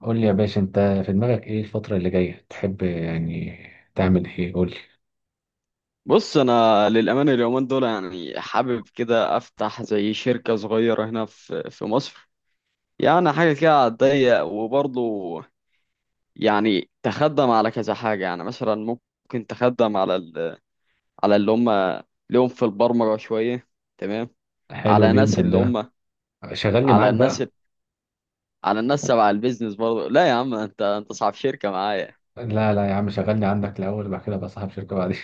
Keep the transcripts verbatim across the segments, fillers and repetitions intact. قول لي يا باشا انت، في دماغك ايه الفترة اللي جاية تحب يعني تعمل ايه؟ قول لي. بص انا للامانه اليومين دول يعني حابب كده افتح زي شركه صغيره هنا في في مصر. يعني حاجه كده على الضيق، وبرضه يعني تخدم على كذا حاجه. يعني مثلا ممكن تخدم على ال... على اللي هم لهم في البرمجه شويه. تمام. حلو على ناس جدا اللي ده. هم، شغلني على معاك الناس، بقى. على الناس تبع البيزنس برضه. لا يا عم، انت انت صاحب شركه معايا. لا لا يا عم، شغلني عندك الاول وبعد كده بقى صاحب شركة بعدين.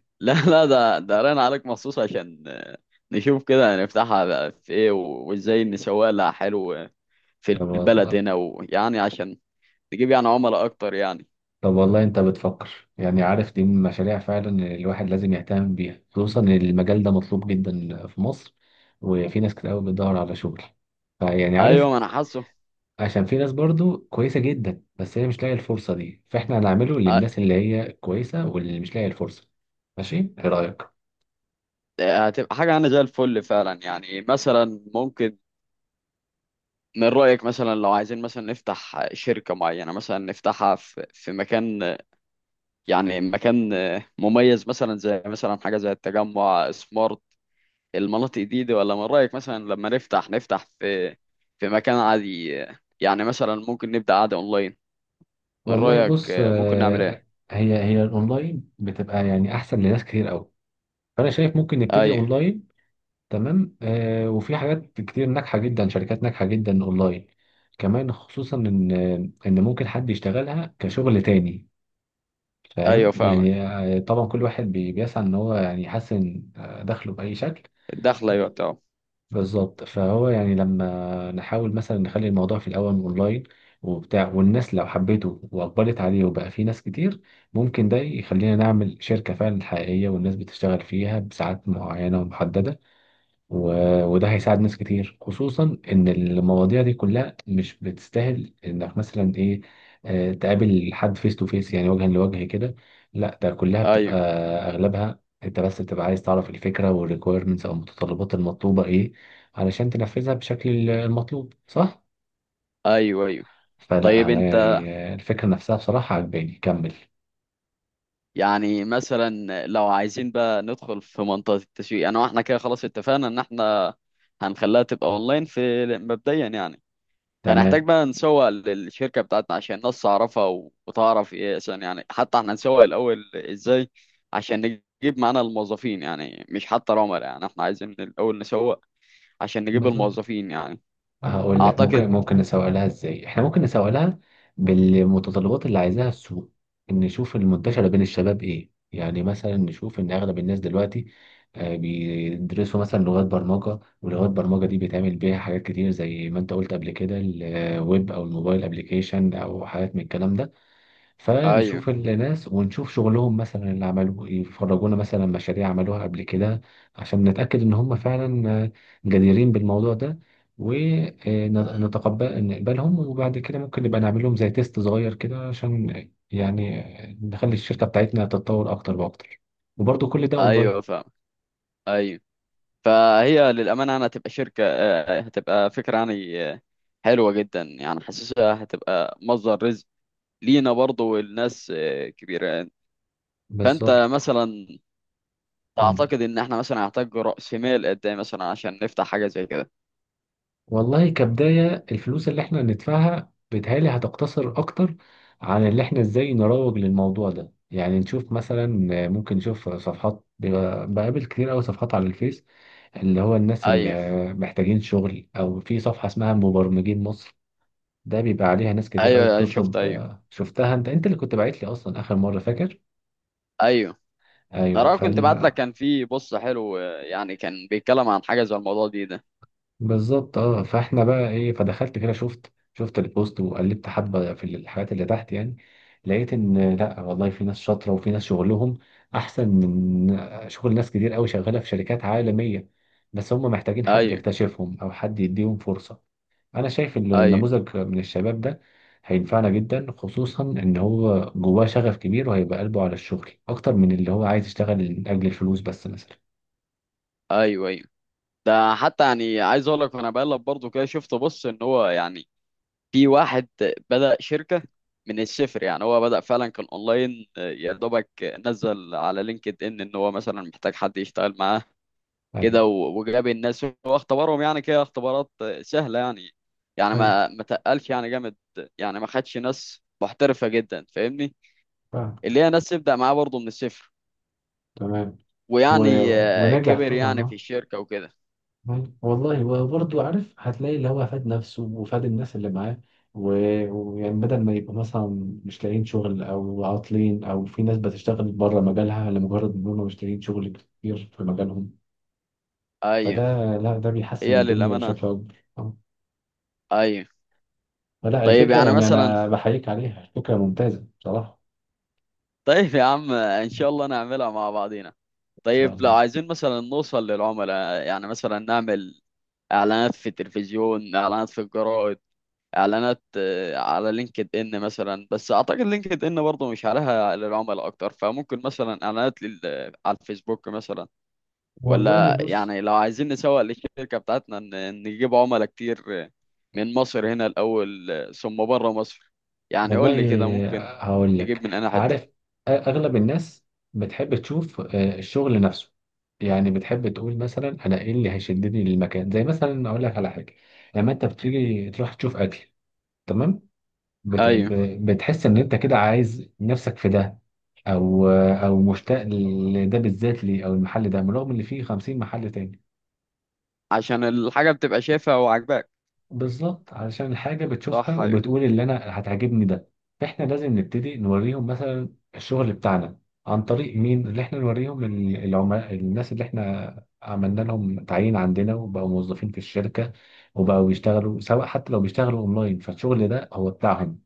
لا لا، ده ده رن عليك مخصوص عشان نشوف كده نفتحها بقى في ايه و- وازاي نسوق لها حلو في طب البلد والله هنا، ويعني عشان نجيب يعني عملاء اكتر يعني. طب والله انت بتفكر، يعني عارف دي من المشاريع فعلا اللي الواحد لازم يهتم بيها، خصوصا ان المجال ده مطلوب جدا في مصر وفي ناس كتير قوي بتدور على شغل. فيعني عارف، ايوه، ما انا حاسه. عشان في ناس برضو كويسة جدا بس هي مش لاقية الفرصة دي، فاحنا هنعمله ه- للناس اللي هي كويسة واللي مش لاقية الفرصة. ماشي، ايه رأيك؟ هتبقى حاجه انا زي الفل فعلا. يعني مثلا ممكن، من رايك مثلا لو عايزين مثلا نفتح شركه معينه، مثلا نفتحها في في مكان، يعني مكان مميز، مثلا زي مثلا حاجه زي التجمع سمارت، المناطق دي، دي؟ ولا من رايك مثلا لما نفتح نفتح في في مكان عادي؟ يعني مثلا ممكن نبدا عادي اونلاين. من والله رايك بص. ممكن نعمل ايه؟ آه، هي هي الاونلاين بتبقى يعني احسن لناس كتير قوي، فانا شايف ممكن نبتدي ايوه، اونلاين. تمام. آه، وفي حاجات كتير ناجحة جدا، شركات ناجحة جدا اونلاين كمان، خصوصا ان ان ممكن حد يشتغلها كشغل تاني. فاهم ايوه، فاهمك. يعني. آه، طبعا كل واحد بي- بيسعى ان هو يعني يحسن آه، دخله بأي شكل. الدخله يعطي اه. بالظبط، فهو يعني لما نحاول مثلا نخلي الموضوع في الأول أونلاين وبتاع، والناس لو حبته وأقبلت عليه وبقى فيه ناس كتير، ممكن ده يخلينا نعمل شركة فعلا حقيقية والناس بتشتغل فيها بساعات معينة ومحددة. و- وده هيساعد ناس كتير، خصوصا ان المواضيع دي كلها مش بتستاهل انك مثلا ايه، آه، تقابل حد فيس تو فيس يعني وجها لوجه كده. لا، ده كلها بتبقى ايوه، اغلبها انت بس بتبقى عايز تعرف الفكرة والريكويرمنتس او المتطلبات المطلوبة ايه علشان تنفذها بشكل المطلوب، صح؟ ايوه، ايوه. فلا طيب انا انت، يعني. آه، الفكرة نفسها بصراحة عجباني. كمل. يعني مثلا لو عايزين بقى ندخل في منطقه التسويق، انا واحنا كده خلاص اتفقنا ان احنا هنخليها تبقى اونلاين في مبدئيا يعني. هنحتاج تمام. بقى نسوق للشركه بتاعتنا عشان الناس تعرفها و- وتعرف ايه، عشان يعني حتى احنا نسوق الاول ازاي عشان نجيب معانا الموظفين. يعني مش حتى العملاء، يعني احنا عايزين الاول نسوق عشان نجيب بالظبط. الموظفين يعني. هقول لك اعتقد. ممكن ممكن نسوق لها ازاي، احنا ممكن نسوق لها بالمتطلبات اللي عايزاها السوق. نشوف المنتشرة بين الشباب ايه، يعني مثلا نشوف ان اغلب الناس دلوقتي آه، بيدرسوا مثلا لغات برمجة، ولغات برمجة دي بيتعمل بيها حاجات كتير زي ما انت قلت قبل كده، الويب او الموبايل ابليكيشن او حاجات من الكلام ده. ايوه، فنشوف الناس ونشوف شغلهم مثلا اللي عملوه إيه، يفرجونا مثلا مشاريع عملوها قبل كده عشان نتأكد إن هم فعلا آه، جديرين بالموضوع ده، ونتقبل نقبلهم. وبعد كده ممكن نبقى نعمل لهم زي تيست صغير كده، عشان يعني نخلي الشركة بتاعتنا تتطور أكتر وأكتر، وبرضه كل ده أونلاين. ايوه فاهم. ايوه. فهي للأمانة يعني هتبقى شركة آه، هتبقى فكرة يعني آه، حلوة جدا. يعني حاسسها هتبقى مصدر رزق لينا، برضه والناس آه، كبيرة. فأنت بالظبط. مثلا مم. تعتقد إن إحنا مثلا هنحتاج رأس مال قد إيه مثلا عشان نفتح حاجة زي كده؟ والله كبداية الفلوس اللي احنا هندفعها بيتهيألي هتقتصر أكتر عن اللي احنا ازاي نروج للموضوع ده. يعني نشوف مثلا، ممكن نشوف صفحات، بيبقى- بقابل كتير أوي صفحات على الفيس، اللي هو الناس أيوه اللي محتاجين شغل، أو في صفحة اسمها مبرمجين مصر، ده بيبقى عليها ناس كتير أيوه أوي أيوه، شفت بتطلب. أيوه آه، شفتها، انت انت اللي كنت باعت لي أصلا آخر مرة، فاكر؟ أيوه. أيوه. أنا كنت بعت لك، كان في بص حلو، آه، يعني كان بيتكلم عن حاجة زي الموضوع دي ده. بالظبط. اه فاحنا بقى ايه، فدخلت كده شفت شفت البوست، وقلبت حبه في الحاجات اللي تحت، يعني لقيت ان لا والله في ناس شاطره وفي ناس شغلهم احسن من شغل ناس كتير قوي شغاله في شركات عالميه، بس هم محتاجين حد أيوه يكتشفهم او حد يديهم فرصه. انا شايف ان أيوه النموذج من الشباب ده هينفعنا جدا، خصوصا ان هو جواه شغف كبير وهيبقى قلبه على الشغل اكتر من اللي هو عايز يشتغل لاجل الفلوس بس مثلا. أيوه أيوه. ده حتى يعني عايز أقول لك، وأنا بقلب برضه كده شفت بص إن هو يعني في واحد بدأ شركة من الصفر. يعني هو بدأ فعلا كان اونلاين، آه، يا دوبك نزل على لينكد ان ان هو مثلا محتاج حد يشتغل معاه كده، أيوة. و- وجاب الناس هو اختبرهم، يعني كده اختبارات آه، سهلة يعني. يعني ايوه، ما ما تقلش يعني جامد، يعني ما خدش ناس محترفة جدا، فاهمني؟ فاهم. اللي هي ناس تبدأ معاه برضه من الصفر. تمام. و- ويعني آه، ونجح كبر طبعا، يعني في اه. الشركة وكده. أيوة. والله وبرضه عارف هتلاقي اللي هو فاد نفسه وفاد الناس اللي معاه. و- ويعني بدل ما يبقوا مثلا مش لاقيين شغل او عاطلين، او في ناس بتشتغل بره مجالها لمجرد ان هم مش لاقيين شغل كتير في مجالهم. ايوه. فده، لا ده بيحسن هي الدنيا للأمانة. بشكل اكبر. آه. ايوه. فلا طيب الفكره يعني يعني مثلا، انا بحييك عليها، الفكره ممتازه بصراحه. طيب يا عم ان شاء الله نعملها مع بعضينا. ان شاء طيب لو الله. عايزين مثلا نوصل للعملاء، يعني مثلا نعمل اعلانات في التلفزيون، اعلانات في الجرائد، اعلانات آه، على لينكد ان مثلا. بس اعتقد لينكد ان برضه مش عليها للعملاء اكتر، فممكن مثلا اعلانات لل... على الفيسبوك مثلا. والله ولا بص. يعني لو عايزين نسوق للشركة بتاعتنا ن- نجيب عملاء كتير، آه، من مصر هنا الاول آه، ثم بره مصر. يعني قول والله لي كده، ممكن هقول لك، نجيب من انا حتة؟ عارف أ- اغلب الناس بتحب تشوف آه، الشغل نفسه. يعني بتحب تقول مثلا انا ايه اللي هيشدني للمكان، زي مثلا اقول لك على حاجه، لما انت بتيجي تروح تشوف اكل. تمام. بت... ايوه. ب- بتحس ان انت كده عايز نفسك في ده، او او مشتاق لده بالذات ليه، او المحل ده بالرغم ان فيه خمسين محل تاني. عشان الحاجة بتبقى شايفها وعاجباك. بالظبط، علشان الحاجة بتشوفها صح أيوه. وبتقول اللي أنا هتعجبني ده. فإحنا لازم نبتدي نوريهم مثلا الشغل بتاعنا، عن طريق مين اللي إحنا نوريهم؟ ال- العملاء، الناس اللي إحنا عملنا لهم تعيين عندنا وبقوا موظفين في الشركة وبقوا يشتغلوا، سواء حتى لو بيشتغلوا أونلاين فالشغل ده هو بتاعهم.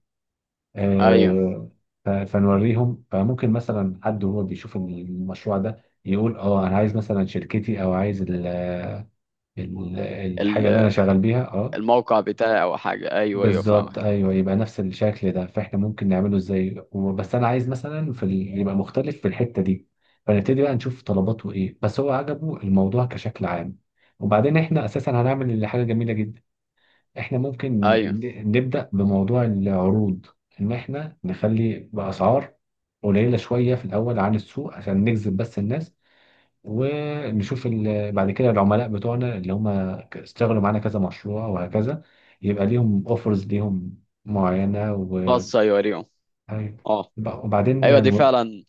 أيوه. آه. ف- فنوريهم. فممكن مثلا حد وهو بيشوف المشروع ده يقول اه انا عايز مثلا شركتي، او عايز ال- ال- الحاجه اللي انا ال- شغال بيها، اه. الموقع بتاعي أو حاجة. أيوه أيوه فاهمك. بالظبط، ايوه، يبقى نفس الشكل ده. فاحنا ممكن نعمله ازاي، و- بس انا عايز مثلا في ال...، يبقى مختلف في الحته دي. فنبتدي بقى نشوف طلباته ايه، بس هو عجبه الموضوع كشكل عام. وبعدين احنا اساسا هنعمل اللي حاجه جميله جدا، احنا ممكن أيوه. ن- نبدا بموضوع العروض، ان احنا نخلي باسعار قليله شويه في الاول عن السوق عشان نجذب بس الناس، ونشوف ال- بعد كده العملاء بتوعنا اللي هم اشتغلوا معانا كذا مشروع وهكذا، يبقى ليهم اوفرز، ليهم معينة و... خاصة يوريهم. أيوة. أه. وبعدين أيوه، دي م- فعلا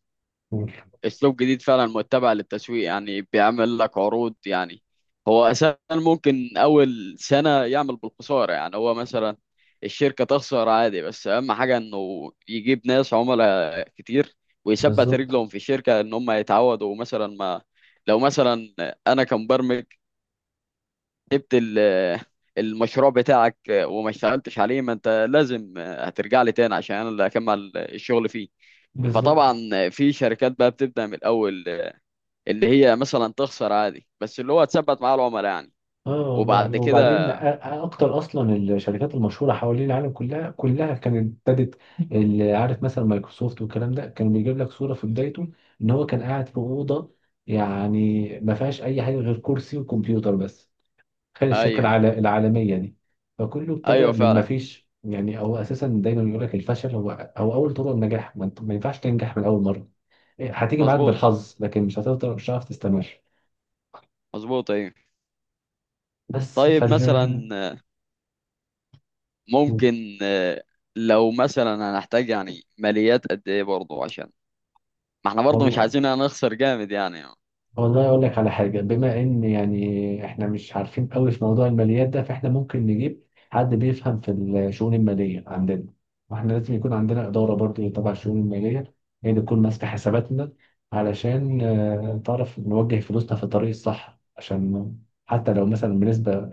أسلوب جديد فعلا متبع للتسويق، يعني بيعمل لك عروض. يعني هو أساسا ممكن أول سنة يعمل بالخسارة، يعني هو مثلا الشركة تخسر عادي، بس أهم حاجة إنه يجيب ناس عملاء كتير ويثبت بالظبط. رجلهم في الشركة إن هم يتعودوا مثلا. ما لو مثلا أنا كمبرمج جبت ال- المشروع بتاعك وما اشتغلتش عليه، ما انت لازم هترجع لي تاني عشان انا اللي اكمل الشغل فيه. فطبعا بالظبط. في شركات بقى بتبدأ من الاول، اللي هي مثلا تخسر عادي، بس اللي هو تثبت مع العملاء يعني. اه والله وبعد وبعدين أ- كده اكتر اصلا الشركات المشهوره حوالين العالم، كلها كلها كانت ابتدت. اللي عارف مثلا مايكروسوفت والكلام ده، كان بيجيب لك صوره في بدايته ان هو كان قاعد في اوضه يعني ما فيهاش اي حاجه غير كرسي وكمبيوتر بس. تخيل الشركة ايوه العال- العالمية دي. فكله ابتدى ايوه من ما فعلا. فيش. يعني هو أساسا دايما يقول لك الفشل هو هو أول طرق النجاح. ما, انت- ما ينفعش تنجح من أول مرة. إيه، هتيجي معاك مظبوط. بالحظ لكن مش هتقدر، مش هتعرف تستمر. مظبوط ايوه. بس طيب مثلا فال ممكن آه، لو مثلا هنحتاج يعني ماليات قد ايه برضه، عشان ما احنا برضه مش والله. عايزين نخسر جامد يعني. والله اقول لك على حاجه، بما ان يعني احنا مش عارفين قوي في موضوع الماليات ده، فاحنا ممكن نجيب حد بيفهم في الشؤون الماليه عندنا. واحنا لازم يكون عندنا اداره برضه إيه تبع الشؤون الماليه، هي اللي تكون ماسكه حساباتنا. علشان آه، تعرف نوجه فلوسنا في الطريق الصح، عشان حتى لو مثلا بنسبه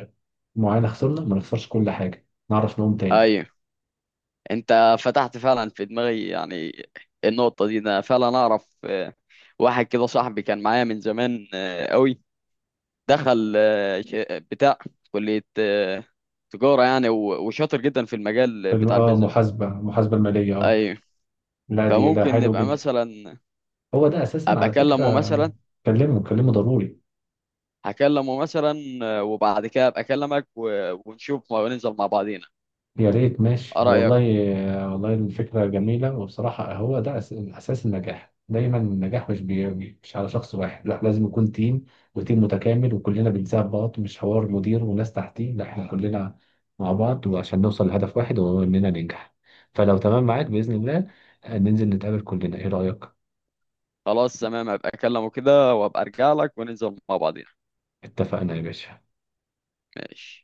معينه خسرنا ما نخسرش كل حاجه، نعرف نقوم تاني. ايوه. انت فتحت فعلا في دماغي يعني النقطة دي. انا فعلا اعرف آه، واحد كده صاحبي، كان معايا من زمان آه، قوي. دخل آه، ش- بتاع كلية آه، تجارة يعني، و- وشاطر جدا في المجال فال- بتاع اه، البيزنس. محاسبه محاسبه الماليه، اه. ايوه. لا دي ده فممكن حلو نبقى جدا. مثلا هو ده اساسا ابقى على فكره. اكلمه مثلا. كلمه كلمه ضروري. هكلمه مثلا آه، وبعد كده ابقى اكلمك و- ونشوف وننزل مع بعضينا. يا ريت، ماشي ايه رأيك؟ والله. والله الفكرة جميلة، وبصراحة هو ده أس- أساس النجاح دايما. النجاح مش بي- مش على شخص واحد، لا لازم يكون تيم، وتيم متكامل وكلنا بنساعد بعض، مش حوار مدير وناس تحتيه، لا احنا كلنا مع بعض، وعشان نوصل لهدف واحد وهو إننا ننجح. فلو تمام معاك بإذن الله، آه، ننزل نتقابل كلنا، إيه رأيك؟ خلاص تمام، ابقى اكلمه كده وابقى ارجع لك وننزل مع بعضينا. اتفقنا يا باشا. ماشي.